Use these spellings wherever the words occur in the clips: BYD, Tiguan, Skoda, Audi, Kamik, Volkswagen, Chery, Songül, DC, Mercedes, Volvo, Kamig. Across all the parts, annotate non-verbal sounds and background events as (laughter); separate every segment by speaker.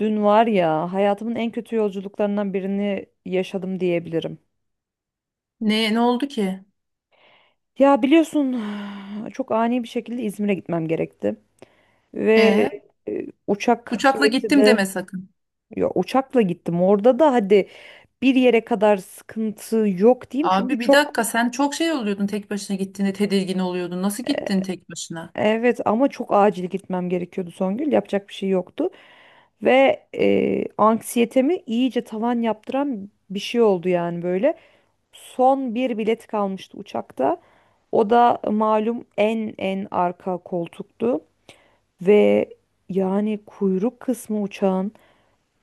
Speaker 1: Dün var ya hayatımın en kötü yolculuklarından birini yaşadım diyebilirim.
Speaker 2: Ne oldu ki?
Speaker 1: Ya biliyorsun (sighs) çok ani bir şekilde İzmir'e gitmem gerekti. Ve
Speaker 2: E,
Speaker 1: uçak
Speaker 2: Uçakla
Speaker 1: bileti
Speaker 2: gittim
Speaker 1: de
Speaker 2: deme sakın.
Speaker 1: ya uçakla gittim. Orada da hadi bir yere kadar sıkıntı yok diyeyim. Çünkü
Speaker 2: Abi bir
Speaker 1: çok.
Speaker 2: dakika, sen çok şey oluyordun, tek başına gittiğinde tedirgin oluyordun. Nasıl gittin tek başına?
Speaker 1: Evet, ama çok acil gitmem gerekiyordu Songül. Yapacak bir şey yoktu. Ve anksiyetemi iyice tavan yaptıran bir şey oldu yani böyle. Son bir bilet kalmıştı uçakta. O da malum en en arka koltuktu ve yani kuyruk kısmı uçağın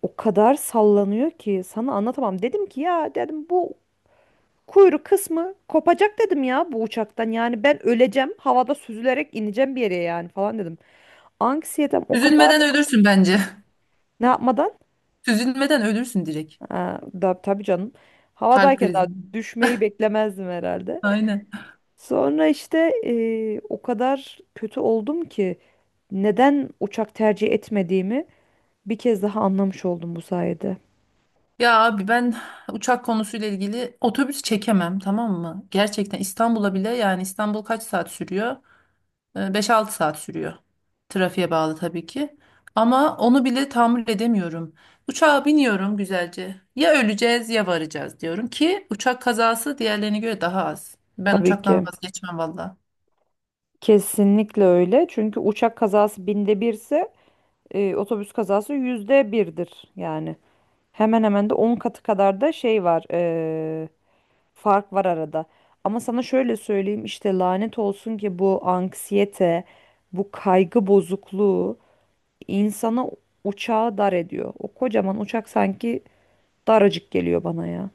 Speaker 1: o kadar sallanıyor ki sana anlatamam. Dedim ki ya dedim bu kuyruk kısmı kopacak dedim ya bu uçaktan. Yani ben öleceğim, havada süzülerek ineceğim bir yere yani falan dedim. Anksiyetem o kadar.
Speaker 2: Üzülmeden ölürsün bence.
Speaker 1: Ne yapmadan?
Speaker 2: (laughs) Üzülmeden ölürsün direkt.
Speaker 1: Ha, da, tabii canım.
Speaker 2: Kalp
Speaker 1: Havadayken
Speaker 2: krizi.
Speaker 1: daha düşmeyi beklemezdim herhalde.
Speaker 2: Aynen.
Speaker 1: Sonra işte o kadar kötü oldum ki. Neden uçak tercih etmediğimi bir kez daha anlamış oldum bu sayede.
Speaker 2: Ya abi, ben uçak konusuyla ilgili otobüs çekemem, tamam mı? Gerçekten İstanbul'a bile, yani İstanbul kaç saat sürüyor? 5-6 saat sürüyor. Trafiğe bağlı tabii ki. Ama onu bile tahammül edemiyorum. Uçağa biniyorum güzelce. Ya öleceğiz ya varacağız diyorum ki, uçak kazası diğerlerine göre daha az. Ben
Speaker 1: Tabii
Speaker 2: uçaktan
Speaker 1: ki.
Speaker 2: vazgeçmem valla.
Speaker 1: Kesinlikle öyle. Çünkü uçak kazası binde birse otobüs kazası %1'dir. Yani hemen hemen de 10 katı kadar da şey var. Fark var arada. Ama sana şöyle söyleyeyim işte, lanet olsun ki bu anksiyete, bu kaygı bozukluğu insana uçağı dar ediyor. O kocaman uçak sanki daracık geliyor bana ya.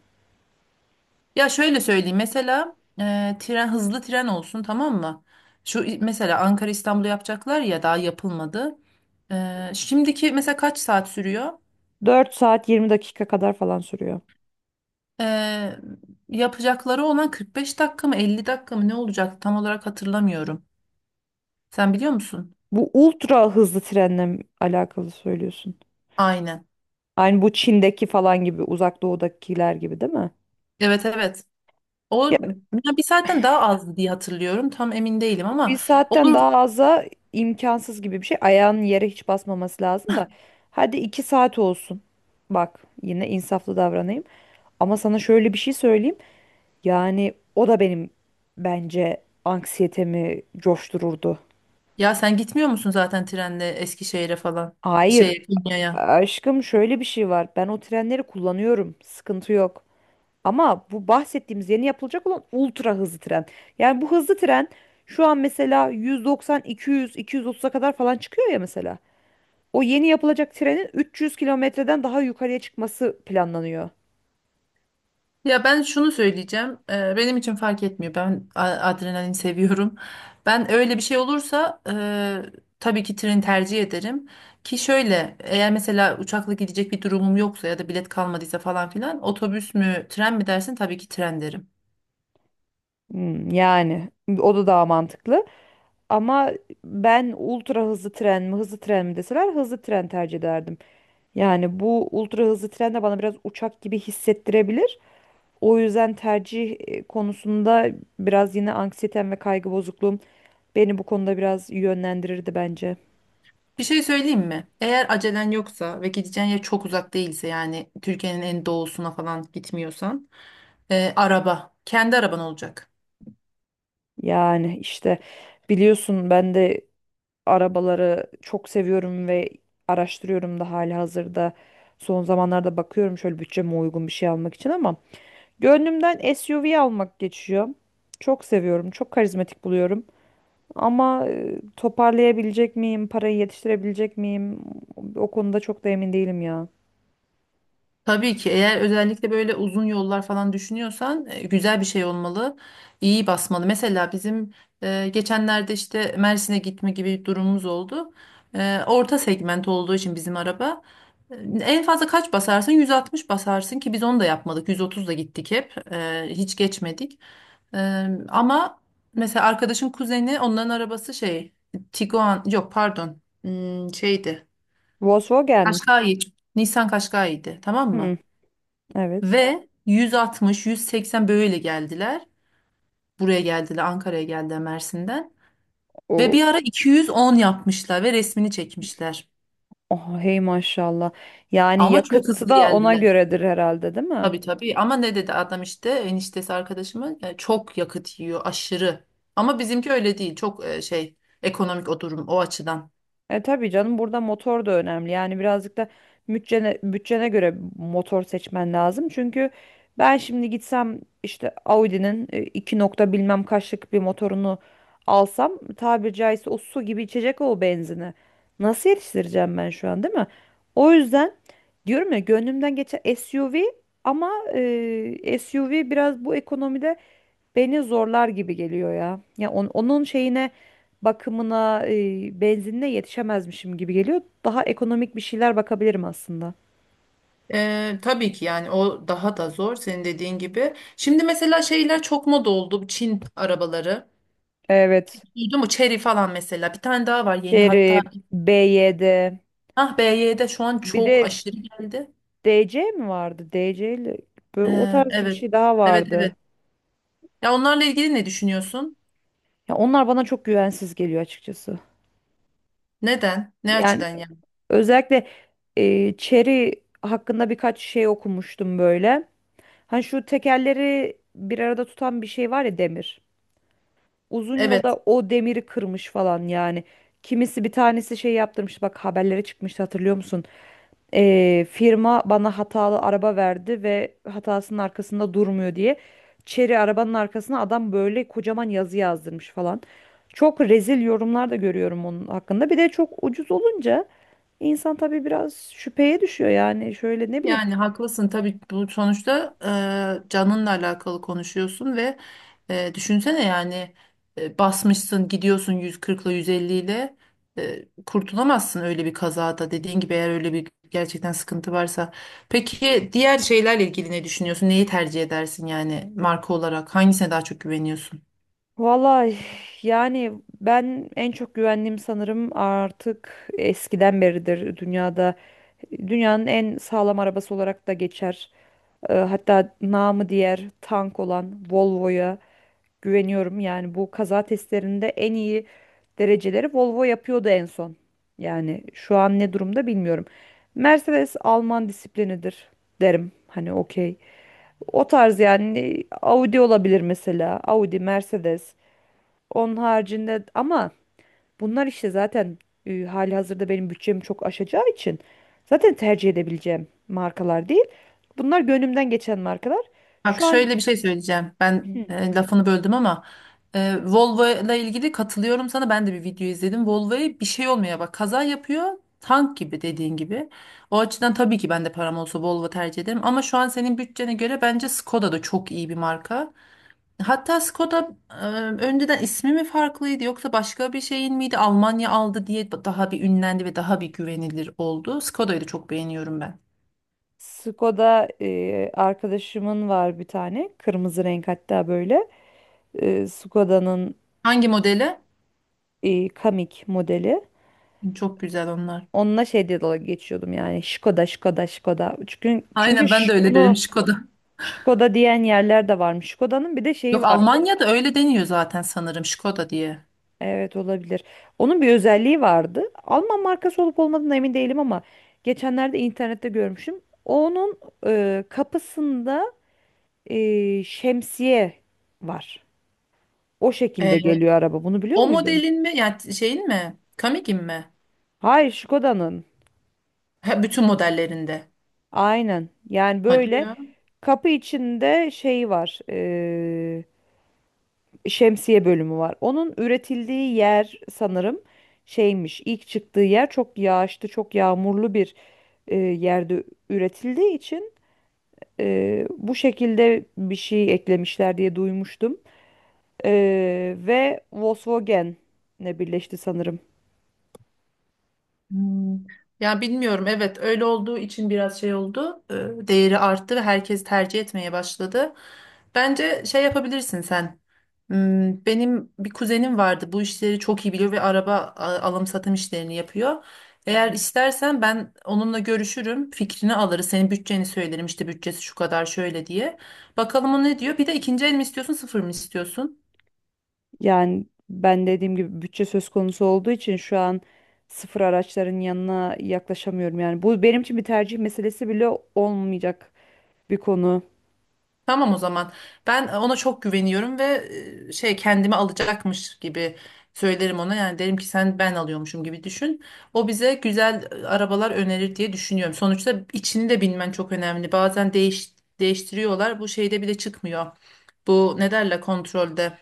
Speaker 2: Ya şöyle söyleyeyim, mesela tren, hızlı tren olsun, tamam mı? Şu mesela Ankara İstanbul'u yapacaklar ya, daha yapılmadı. Şimdiki mesela kaç saat sürüyor?
Speaker 1: 4 saat 20 dakika kadar falan sürüyor.
Speaker 2: E, Yapacakları olan 45 dakika mı, 50 dakika mı, ne olacak tam olarak hatırlamıyorum. Sen biliyor musun?
Speaker 1: Bu ultra hızlı trenle mi alakalı söylüyorsun?
Speaker 2: Aynen.
Speaker 1: Aynı bu Çin'deki falan gibi, uzak doğudakiler gibi değil mi?
Speaker 2: Evet, evet. O,
Speaker 1: Ya
Speaker 2: ya bir saatten daha azdı diye hatırlıyorum. Tam emin değilim
Speaker 1: bir
Speaker 2: ama
Speaker 1: saatten
Speaker 2: olur.
Speaker 1: daha aza imkansız gibi bir şey. Ayağının yere hiç basmaması lazım da. Hadi 2 saat olsun. Bak yine insaflı davranayım. Ama sana şöyle bir şey söyleyeyim. Yani o da benim bence anksiyetemi coştururdu.
Speaker 2: Ya sen gitmiyor musun zaten trenle Eskişehir'e falan?
Speaker 1: Hayır,
Speaker 2: Şey, Konya'ya.
Speaker 1: aşkım şöyle bir şey var. Ben o trenleri kullanıyorum. Sıkıntı yok. Ama bu bahsettiğimiz yeni yapılacak olan ultra hızlı tren. Yani bu hızlı tren şu an mesela 190, 200, 230'a kadar falan çıkıyor ya mesela. O yeni yapılacak trenin 300 kilometreden daha yukarıya çıkması planlanıyor.
Speaker 2: Ya ben şunu söyleyeceğim. Benim için fark etmiyor. Ben adrenalin seviyorum. Ben öyle bir şey olursa tabii ki treni tercih ederim. Ki şöyle, eğer mesela uçakla gidecek bir durumum yoksa ya da bilet kalmadıysa falan filan, otobüs mü tren mi dersin, tabii ki tren derim.
Speaker 1: Hmm, yani o da daha mantıklı. Ama ben ultra hızlı tren mi hızlı tren mi deseler hızlı tren tercih ederdim. Yani bu ultra hızlı tren de bana biraz uçak gibi hissettirebilir. O yüzden tercih konusunda biraz yine anksiyetem ve kaygı bozukluğum beni bu konuda biraz yönlendirirdi bence.
Speaker 2: Bir şey söyleyeyim mi? Eğer acelen yoksa ve gideceğin yer çok uzak değilse, yani Türkiye'nin en doğusuna falan gitmiyorsan, araba. Kendi araban olacak.
Speaker 1: Yani işte biliyorsun, ben de arabaları çok seviyorum ve araştırıyorum da hali hazırda. Son zamanlarda bakıyorum şöyle bütçeme uygun bir şey almak için, ama gönlümden SUV almak geçiyor. Çok seviyorum, çok karizmatik buluyorum. Ama toparlayabilecek miyim, parayı yetiştirebilecek miyim? O konuda çok da emin değilim ya.
Speaker 2: Tabii ki, eğer özellikle böyle uzun yollar falan düşünüyorsan, güzel bir şey olmalı. İyi basmalı. Mesela bizim geçenlerde işte Mersin'e gitme gibi bir durumumuz oldu. Orta segment olduğu için bizim araba. e, En fazla kaç basarsın? 160 basarsın ki biz onu da yapmadık. 130 da gittik hep. E, hiç geçmedik. Ama mesela arkadaşın kuzeni, onların arabası şey, Tiguan, yok pardon, şeydi,
Speaker 1: Volkswagen.
Speaker 2: Kaşkai, Nissan Kaşkai'ydi, tamam
Speaker 1: Hmm,
Speaker 2: mı?
Speaker 1: evet.
Speaker 2: Ve 160, 180 böyle geldiler. Buraya geldiler, Ankara'ya geldiler Mersin'den. Ve
Speaker 1: O,
Speaker 2: bir ara 210 yapmışlar ve resmini çekmişler.
Speaker 1: oh, hey maşallah. Yani
Speaker 2: Ama çok
Speaker 1: yakıtı
Speaker 2: hızlı
Speaker 1: da ona
Speaker 2: geldiler.
Speaker 1: göredir herhalde, değil mi?
Speaker 2: Tabii, tabii, ama ne dedi adam, işte eniştesi arkadaşımın, çok yakıt yiyor aşırı. Ama bizimki öyle değil, çok şey, ekonomik o durum o açıdan.
Speaker 1: E tabii canım, burada motor da önemli. Yani birazcık da bütçene göre motor seçmen lazım. Çünkü ben şimdi gitsem işte Audi'nin 2 nokta bilmem kaçlık bir motorunu alsam, tabiri caizse o su gibi içecek o benzini. Nasıl yetiştireceğim ben şu an, değil mi? O yüzden diyorum ya, gönlümden geçen SUV, ama SUV biraz bu ekonomide beni zorlar gibi geliyor ya. Ya onun şeyine, bakımına, benzinine yetişemezmişim gibi geliyor. Daha ekonomik bir şeyler bakabilirim aslında.
Speaker 2: Tabii ki yani, o daha da zor, senin dediğin gibi. Şimdi mesela şeyler çok moda oldu, bu Çin arabaları.
Speaker 1: Evet.
Speaker 2: Duydun mu? Chery falan mesela. Bir tane daha var yeni hatta.
Speaker 1: Chery, BYD,
Speaker 2: Ah, BYD şu an
Speaker 1: bir
Speaker 2: çok
Speaker 1: de
Speaker 2: aşırı geldi.
Speaker 1: DC mi vardı? DC ile böyle o tarz bir
Speaker 2: Evet.
Speaker 1: şey daha
Speaker 2: Evet, evet.
Speaker 1: vardı.
Speaker 2: Ya onlarla ilgili ne düşünüyorsun?
Speaker 1: Ya onlar bana çok güvensiz geliyor açıkçası.
Speaker 2: Neden? Ne
Speaker 1: Yani
Speaker 2: açıdan yani?
Speaker 1: özellikle Chery hakkında birkaç şey okumuştum böyle. Hani şu tekerleri bir arada tutan bir şey var ya, demir. Uzun
Speaker 2: Evet.
Speaker 1: yolda o demiri kırmış falan yani. Kimisi, bir tanesi şey yaptırmış, bak haberlere çıkmıştı, hatırlıyor musun? Firma bana hatalı araba verdi ve hatasının arkasında durmuyor diye. Çeri arabanın arkasına adam böyle kocaman yazı yazdırmış falan. Çok rezil yorumlar da görüyorum onun hakkında. Bir de çok ucuz olunca insan tabii biraz şüpheye düşüyor yani, şöyle ne bileyim.
Speaker 2: Yani haklısın tabii, bu sonuçta canınla alakalı konuşuyorsun ve düşünsene yani, basmışsın gidiyorsun 140 ile 150 ile, kurtulamazsın öyle bir kazada, dediğin gibi, eğer öyle bir gerçekten sıkıntı varsa. Peki diğer şeylerle ilgili ne düşünüyorsun? Neyi tercih edersin yani marka olarak? Hangisine daha çok güveniyorsun?
Speaker 1: Vallahi yani ben en çok güvendiğim, sanırım artık eskiden beridir dünyada. Dünyanın en sağlam arabası olarak da geçer. Hatta namı diğer tank olan Volvo'ya güveniyorum. Yani bu kaza testlerinde en iyi dereceleri Volvo yapıyordu en son. Yani şu an ne durumda bilmiyorum. Mercedes Alman disiplinidir, derim. Hani okey. O tarz yani Audi olabilir mesela. Audi, Mercedes. Onun haricinde ama bunlar işte zaten halihazırda benim bütçemi çok aşacağı için zaten tercih edebileceğim markalar değil. Bunlar gönlümden geçen markalar.
Speaker 2: Bak
Speaker 1: Şu an
Speaker 2: şöyle bir şey söyleyeceğim. Ben lafını böldüm ama Volvo ile ilgili katılıyorum sana. Ben de bir video izledim. Volvo'ya bir şey olmuyor. Bak, kaza yapıyor. Tank gibi, dediğin gibi. O açıdan tabii ki ben de param olsa Volvo tercih ederim. Ama şu an senin bütçene göre bence Skoda da çok iyi bir marka. Hatta Skoda önceden ismi mi farklıydı yoksa başka bir şeyin miydi? Almanya aldı diye daha bir ünlendi ve daha bir güvenilir oldu. Skoda'yı da çok beğeniyorum ben.
Speaker 1: Skoda arkadaşımın var bir tane. Kırmızı renk hatta böyle. Skoda'nın
Speaker 2: Hangi modeli?
Speaker 1: Kamik modeli.
Speaker 2: Çok güzel onlar.
Speaker 1: Onunla şey diye dalga geçiyordum yani. Skoda, Skoda, Skoda. Çünkü
Speaker 2: Aynen, ben de öyle dedim,
Speaker 1: bunu
Speaker 2: Skoda.
Speaker 1: Skoda diyen yerler de varmış. Skoda'nın bir de şeyi
Speaker 2: Yok,
Speaker 1: var.
Speaker 2: Almanya'da öyle deniyor zaten sanırım, Skoda diye.
Speaker 1: Evet, olabilir. Onun bir özelliği vardı. Alman markası olup olmadığına emin değilim, ama geçenlerde internette görmüşüm. Onun kapısında şemsiye var. O şekilde
Speaker 2: Ee,
Speaker 1: geliyor araba. Bunu biliyor
Speaker 2: O
Speaker 1: muydun?
Speaker 2: modelin mi yani, şeyin mi? Kamig'in mi?
Speaker 1: Hayır, Skoda'nın.
Speaker 2: Ha, bütün modellerinde.
Speaker 1: Aynen. Yani
Speaker 2: Hadi
Speaker 1: böyle
Speaker 2: ya.
Speaker 1: kapı içinde şey var. Şemsiye bölümü var. Onun üretildiği yer sanırım şeymiş. İlk çıktığı yer çok yağışlı, çok yağmurlu bir yerde üretildiği için bu şekilde bir şey eklemişler diye duymuştum. E, ve Volkswagen'le birleşti sanırım.
Speaker 2: Hmm. Ya bilmiyorum, evet öyle olduğu için biraz şey oldu. Değeri arttı ve herkes tercih etmeye başladı. Bence şey yapabilirsin sen. Benim bir kuzenim vardı, bu işleri çok iyi biliyor ve araba alım satım işlerini yapıyor. Eğer istersen ben onunla görüşürüm, fikrini alırız, senin bütçeni söylerim, işte bütçesi şu kadar şöyle diye. Bakalım o ne diyor, bir de ikinci el mi istiyorsun, sıfır mı istiyorsun?
Speaker 1: Yani ben dediğim gibi bütçe söz konusu olduğu için şu an sıfır araçların yanına yaklaşamıyorum. Yani bu benim için bir tercih meselesi bile olmayacak bir konu.
Speaker 2: Tamam o zaman. Ben ona çok güveniyorum ve şey, kendimi alacakmış gibi söylerim ona. Yani derim ki sen, ben alıyormuşum gibi düşün. O bize güzel arabalar önerir diye düşünüyorum. Sonuçta içini de bilmen çok önemli. Bazen değiştiriyorlar. Bu şeyde bile çıkmıyor. Bu ne derler, kontrolde.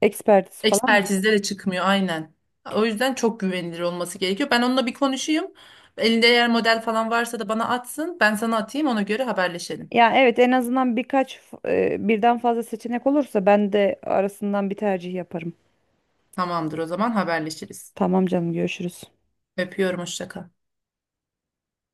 Speaker 1: Ekspertiz falan.
Speaker 2: Ekspertizde de çıkmıyor, aynen. O yüzden çok güvenilir olması gerekiyor. Ben onunla bir konuşayım. Elinde eğer model falan varsa da bana atsın. Ben sana atayım, ona göre haberleşelim.
Speaker 1: Ya evet, en azından birkaç birden fazla seçenek olursa ben de arasından bir tercih yaparım.
Speaker 2: Tamamdır o zaman, haberleşiriz.
Speaker 1: Tamam canım, görüşürüz.
Speaker 2: Öpüyorum, hoşça kal.